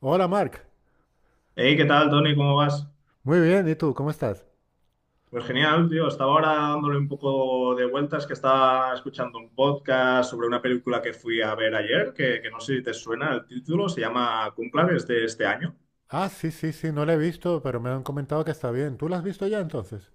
Hola, Mark. Hey, ¿qué tal, Tony? ¿Cómo vas? Muy bien, ¿y tú? ¿Cómo estás? Pues genial, tío. Estaba ahora dándole un poco de vueltas que estaba escuchando un podcast sobre una película que fui a ver ayer, que no sé si te suena el título, se llama Cónclave, es de este año. Ah, sí, sí, sí, no la he visto, pero me han comentado que está bien. ¿Tú la has visto ya entonces?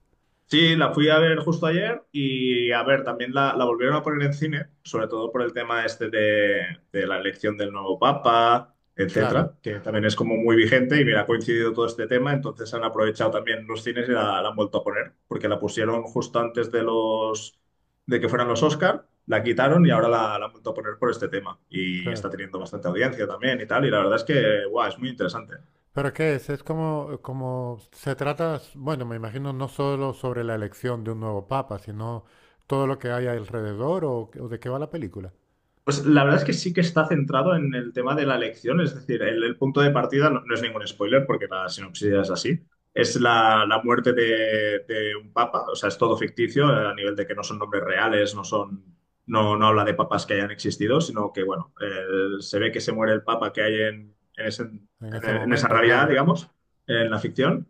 Sí, la fui a ver justo ayer y a ver, también la volvieron a poner en cine, sobre todo por el tema este de la elección del nuevo papa, Claro, etcétera, que también es como muy vigente y mira, ha coincidido todo este tema, entonces han aprovechado también los cines y la han vuelto a poner, porque la pusieron justo antes de los de que fueran los Oscar, la quitaron y ahora la han vuelto a poner por este tema y claro. está teniendo bastante audiencia también y tal, y la verdad es que, guau, es muy interesante. ¿Pero qué es? Es como, como se trata, bueno, me imagino no solo sobre la elección de un nuevo papa, sino todo lo que hay alrededor o de qué va la película. Pues la verdad es que sí que está centrado en el tema de la elección, es decir, el punto de partida no, no es ningún spoiler porque la sinopsis ya es así. Es la muerte de un papa, o sea, es todo ficticio a nivel de que no son nombres reales, no son, no habla de papas que hayan existido, sino que, bueno, se ve que se muere el papa que hay en En ese en esa momento, realidad, claro. digamos, en la ficción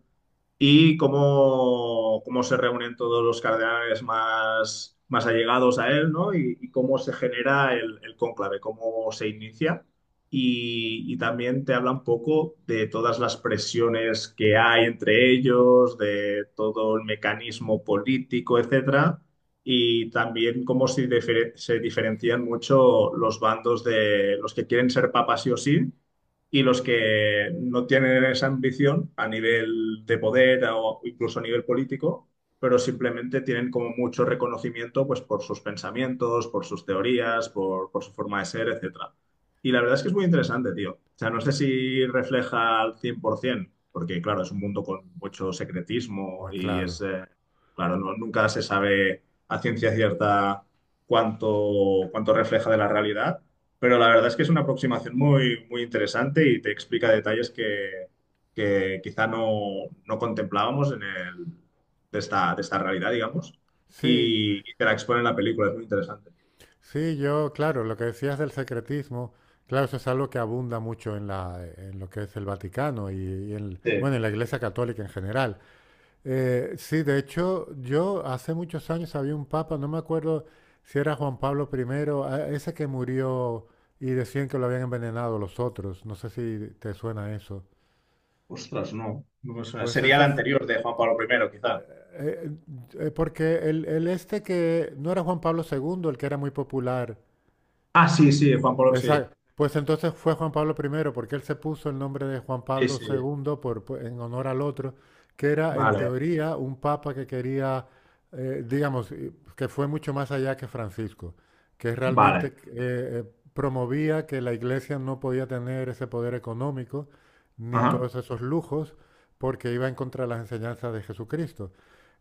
y cómo, cómo se reúnen todos los cardenales más, más allegados a él, ¿no? Y cómo se genera el cónclave, cómo se inicia. Y también te habla un poco de todas las presiones que hay entre ellos, de todo el mecanismo político, etcétera. Y también cómo se, se diferencian mucho los bandos de los que quieren ser papas sí o sí y los que no tienen esa ambición a nivel de poder o incluso a nivel político, pero simplemente tienen como mucho reconocimiento pues, por sus pensamientos, por sus teorías, por su forma de ser, etcétera. Y la verdad es que es muy interesante, tío. O sea, no sé si refleja al 100%, porque claro, es un mundo con mucho secretismo y es, Claro. Claro, nunca se sabe a ciencia cierta cuánto refleja de la realidad, pero la verdad es que es una aproximación muy, muy interesante y te explica detalles que quizá no, no contemplábamos en el, de esta realidad, digamos, Sí, y te la expone en la película, es muy interesante. sí, yo, claro, lo que decías del secretismo, claro, eso es algo que abunda mucho en la, en lo que es el Vaticano y en, Sí. bueno, en la Iglesia Católica en general. Sí, de hecho, yo hace muchos años había un papa, no me acuerdo si era Juan Pablo primero, ese que murió y decían que lo habían envenenado los otros. No sé si te suena eso. Ostras, no, no me suena. Pues Sería eso, la anterior de Juan Pablo primero quizá. eh, porque el este que no era Juan Pablo segundo, el que era muy popular. Ah, sí, sí, Juan Pablo, sí. Exacto. Pues entonces fue Juan Pablo primero porque él se puso el nombre de Juan Sí, Pablo sí. segundo por, en honor al otro, que era en Vale, teoría un papa que quería, digamos, que fue mucho más allá que Francisco, que realmente vale. Promovía que la iglesia no podía tener ese poder económico ni Ajá, todos esos lujos, porque iba en contra de las enseñanzas de Jesucristo.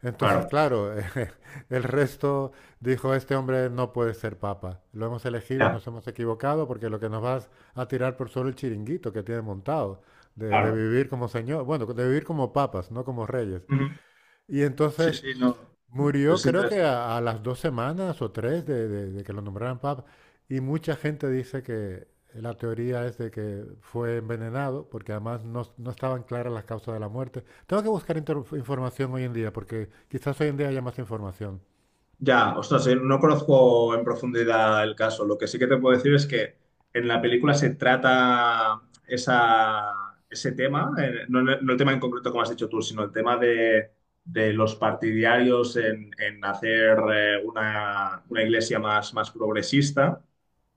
Entonces, claro, claro, el resto dijo, este hombre no puede ser papa. Lo hemos elegido, ya, nos hemos equivocado, porque lo que nos vas a tirar por solo el chiringuito que tiene montado, de claro. vivir como señor, bueno, de vivir como papas, no como reyes. Ujú. Y Sí, entonces sí, no. murió Es creo que interesante. A las 2 semanas o tres de, de que lo nombraran papa. Y mucha gente dice que la teoría es de que fue envenenado, porque además no, no estaban claras las causas de la muerte. Tengo que buscar información hoy en día, porque quizás hoy en día haya más información. Ya, ostras, no conozco en profundidad el caso. Lo que sí que te puedo decir es que en la película se trata esa, ese tema, no, no no el tema en concreto como has dicho tú, sino el tema de los partidarios en hacer una iglesia más, más progresista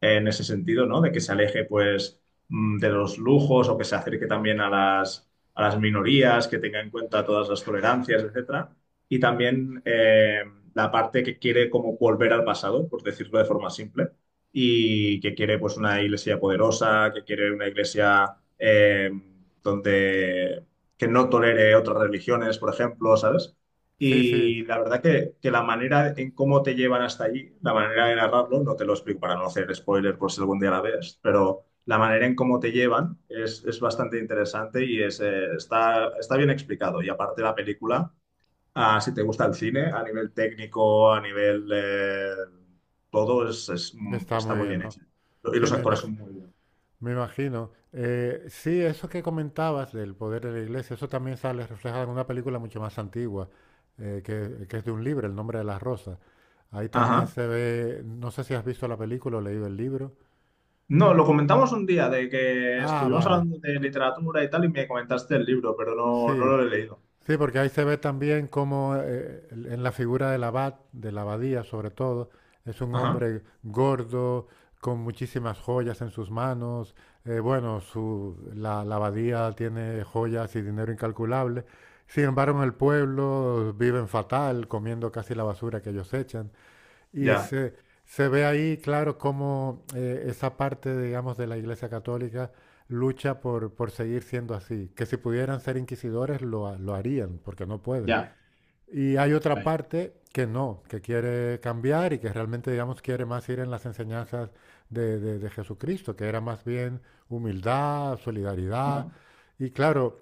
en ese sentido, ¿no? De que se aleje, pues, mm, de los lujos o que se acerque también a las minorías, que tenga en cuenta todas las tolerancias, etcétera y también la parte que quiere como volver al pasado, por decirlo de forma simple, y que quiere pues una iglesia poderosa, que quiere una iglesia donde que no tolere otras religiones, por ejemplo, ¿sabes? Sí, sí. Y la verdad que la manera en cómo te llevan hasta allí, la manera de narrarlo, no te lo explico para no hacer spoiler por si algún día la ves, pero la manera en cómo te llevan es bastante interesante y es, está, está bien explicado. Y aparte la película Ah, si te gusta el cine, a nivel técnico, a nivel... todo es, mm, Está está muy muy bien, bien hecho. ¿no? Y Sí, los actores son muy buenos. me imagino. Sí, eso que comentabas del poder de la iglesia, eso también sale reflejado en una película mucho más antigua, que es de un libro, El nombre de las rosas. Ahí también Ajá. se ve, no sé si has visto la película o leído el libro. No, lo comentamos un día de que Ah, estuvimos vale, hablando de literatura y tal y me comentaste el libro, pero no, no sí. lo he leído. Sí, porque ahí se ve también cómo en la figura del abad, de la abadía sobre todo, es un Ajá. hombre gordo, con muchísimas joyas en sus manos. Bueno, su, la abadía tiene joyas y dinero incalculable. Sin embargo, en el pueblo viven fatal, comiendo casi la basura que ellos echan. Y Ya, se ve ahí, claro, cómo esa parte, digamos, de la Iglesia Católica lucha por seguir siendo así. Que si pudieran ser inquisidores, lo, lo harían, porque no pueden. ya. Y hay Ya, otra ya. parte que no, que quiere cambiar y que realmente, digamos, quiere más ir en las enseñanzas de, de Jesucristo, que era más bien humildad, solidaridad. Ajá. Y claro,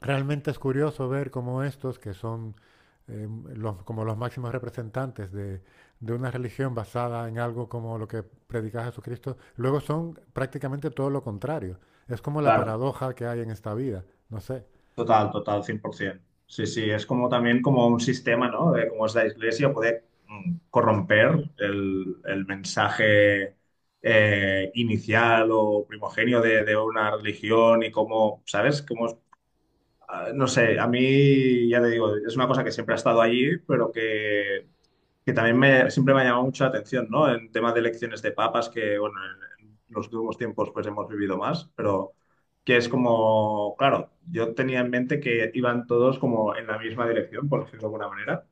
realmente es curioso ver cómo estos, que son eh, como los máximos representantes de una religión basada en algo como lo que predica Jesucristo, luego son prácticamente todo lo contrario. Es como la Claro. paradoja que hay en esta vida, no sé. Total, total, 100%. Sí, sí, es como también como un sistema, ¿no? De cómo es la iglesia, puede mm, corromper el mensaje inicial o primogenio de una religión y cómo, ¿sabes? Cómo, ah, no sé, a mí, ya te digo, es una cosa que siempre ha estado allí, pero que también me, siempre me ha llamado mucho la atención, ¿no? En temas de elecciones de papas, que, bueno, en los últimos tiempos pues hemos vivido más, pero que es como, claro, yo tenía en mente que iban todos como en la misma dirección, por decirlo de alguna manera,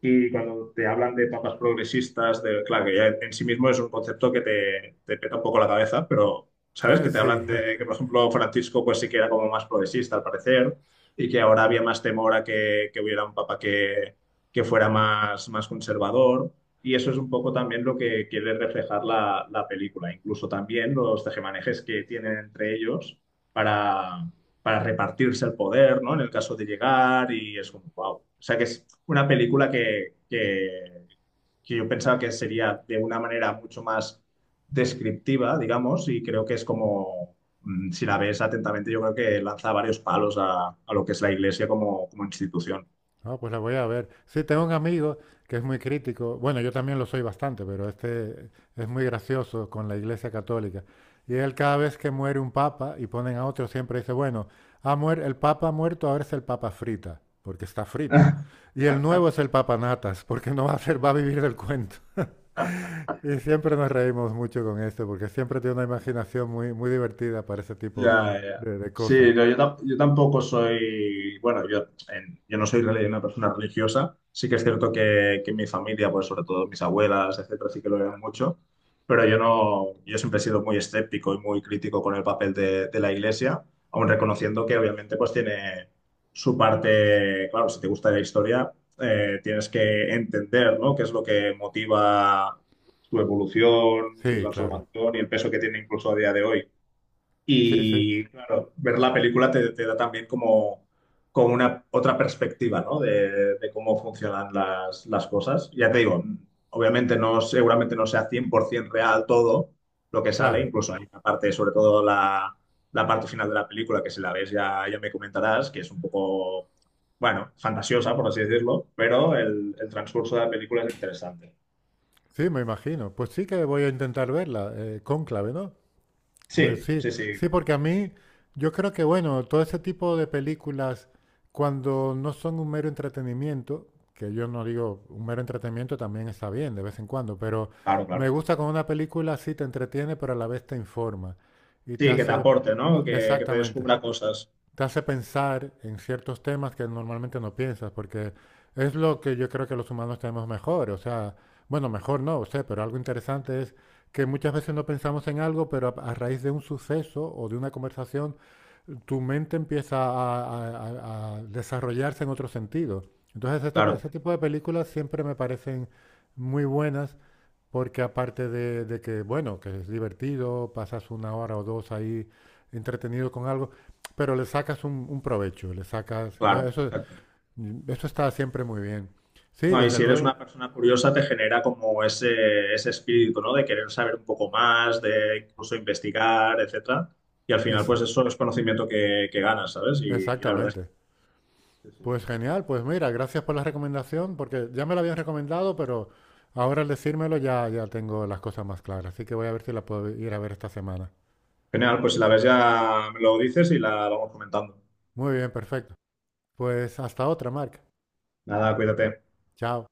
y cuando te hablan de papas progresistas, de, claro, que ya en sí mismo es un concepto que te peta un poco la cabeza, pero sabes que te Sí. hablan de que, por ejemplo, Francisco pues sí que era como más progresista al parecer y que ahora había más temor a que hubiera un papa que fuera más, más conservador. Y eso es un poco también lo que quiere reflejar la, la película, incluso también los tejemanejes que tienen entre ellos para para repartirse el poder, ¿no? En el caso de llegar y es un wow. O sea que es una película que yo pensaba que sería de una manera mucho más descriptiva, digamos, y creo que es como, mm, si la ves atentamente, yo creo que lanza varios palos a lo que es la iglesia como, como institución. Ah, pues la voy a ver. Sí, tengo un amigo que es muy crítico. Bueno, yo también lo soy bastante, pero este es muy gracioso con la Iglesia Católica. Y él cada vez que muere un papa y ponen a otro, siempre dice, bueno, el papa ha muerto, ahora es el papa frita, porque está frito. Y el nuevo es el papa natas, porque no va a ser, va a vivir del cuento. Y siempre nos reímos mucho con esto, porque siempre tiene una imaginación muy, muy divertida para ese tipo Ya, ya. De cosas. Sí, no, yo, yo tampoco soy, bueno, yo, yo no soy una persona religiosa, sí que es cierto que mi familia, pues sobre todo mis abuelas, etcétera, sí que lo eran mucho, pero yo no, yo siempre he sido muy escéptico y muy crítico con el papel de la iglesia, aun reconociendo que obviamente pues tiene su parte, claro, si te gusta la historia, tienes que entender, ¿no? Qué es lo que motiva su evolución, su Sí, claro. transformación y el peso que tiene incluso a día de hoy. Sí, sí, Y claro, ver la película te, te da también como, como una otra perspectiva, ¿no? De cómo funcionan las cosas. Ya te digo, obviamente no, seguramente no sea 100% real todo lo que sale, claro. incluso hay una parte, sobre todo la, la parte final de la película, que si la ves ya, ya me comentarás, que es un poco, bueno, fantasiosa, por así decirlo, pero el transcurso de la película es interesante. Sí, me imagino. Pues sí que voy a intentar verla, Cónclave, ¿no? Sí, Sí, sí, sí, sí, porque a mí, yo creo que, bueno, todo ese tipo de películas, cuando no son un mero entretenimiento, que yo no digo un mero entretenimiento también está bien de vez en cuando, pero claro, me claro. gusta cuando una película sí te entretiene, pero a la vez te informa y Sí, te que te hace... aporte, ¿no? Que te Exactamente descubra cosas. te hace pensar en ciertos temas que normalmente no piensas, porque es lo que yo creo que los humanos tenemos mejor. O sea, bueno, mejor no, sé, pero algo interesante es que muchas veces no pensamos en algo, pero a- raíz de un suceso o de una conversación, tu mente empieza a, a desarrollarse en otro sentido. Entonces, este, Claro. ese tipo de películas siempre me parecen muy buenas porque aparte de que, bueno, que es divertido, pasas una hora o dos ahí entretenido con algo, pero le sacas un provecho, le sacas... Claro, Entonces eso, exacto. eso está siempre muy bien. Sí, No, y desde si eres luego. una persona curiosa, te genera como ese espíritu, ¿no? De querer saber un poco más, de incluso investigar, etcétera. Y al final, Es, pues eso es conocimiento que ganas, ¿sabes? Y la verdad es exactamente. que sí, sí. Pues genial, pues mira, gracias por la recomendación, porque ya me la habían recomendado, pero ahora al decírmelo ya, ya tengo las cosas más claras. Así que voy a ver si la puedo ir a ver esta semana. Genial, pues si la ves ya me lo dices y la vamos comentando. Muy bien, perfecto. Pues hasta otra, Marc. Nada, cuídate. Chao.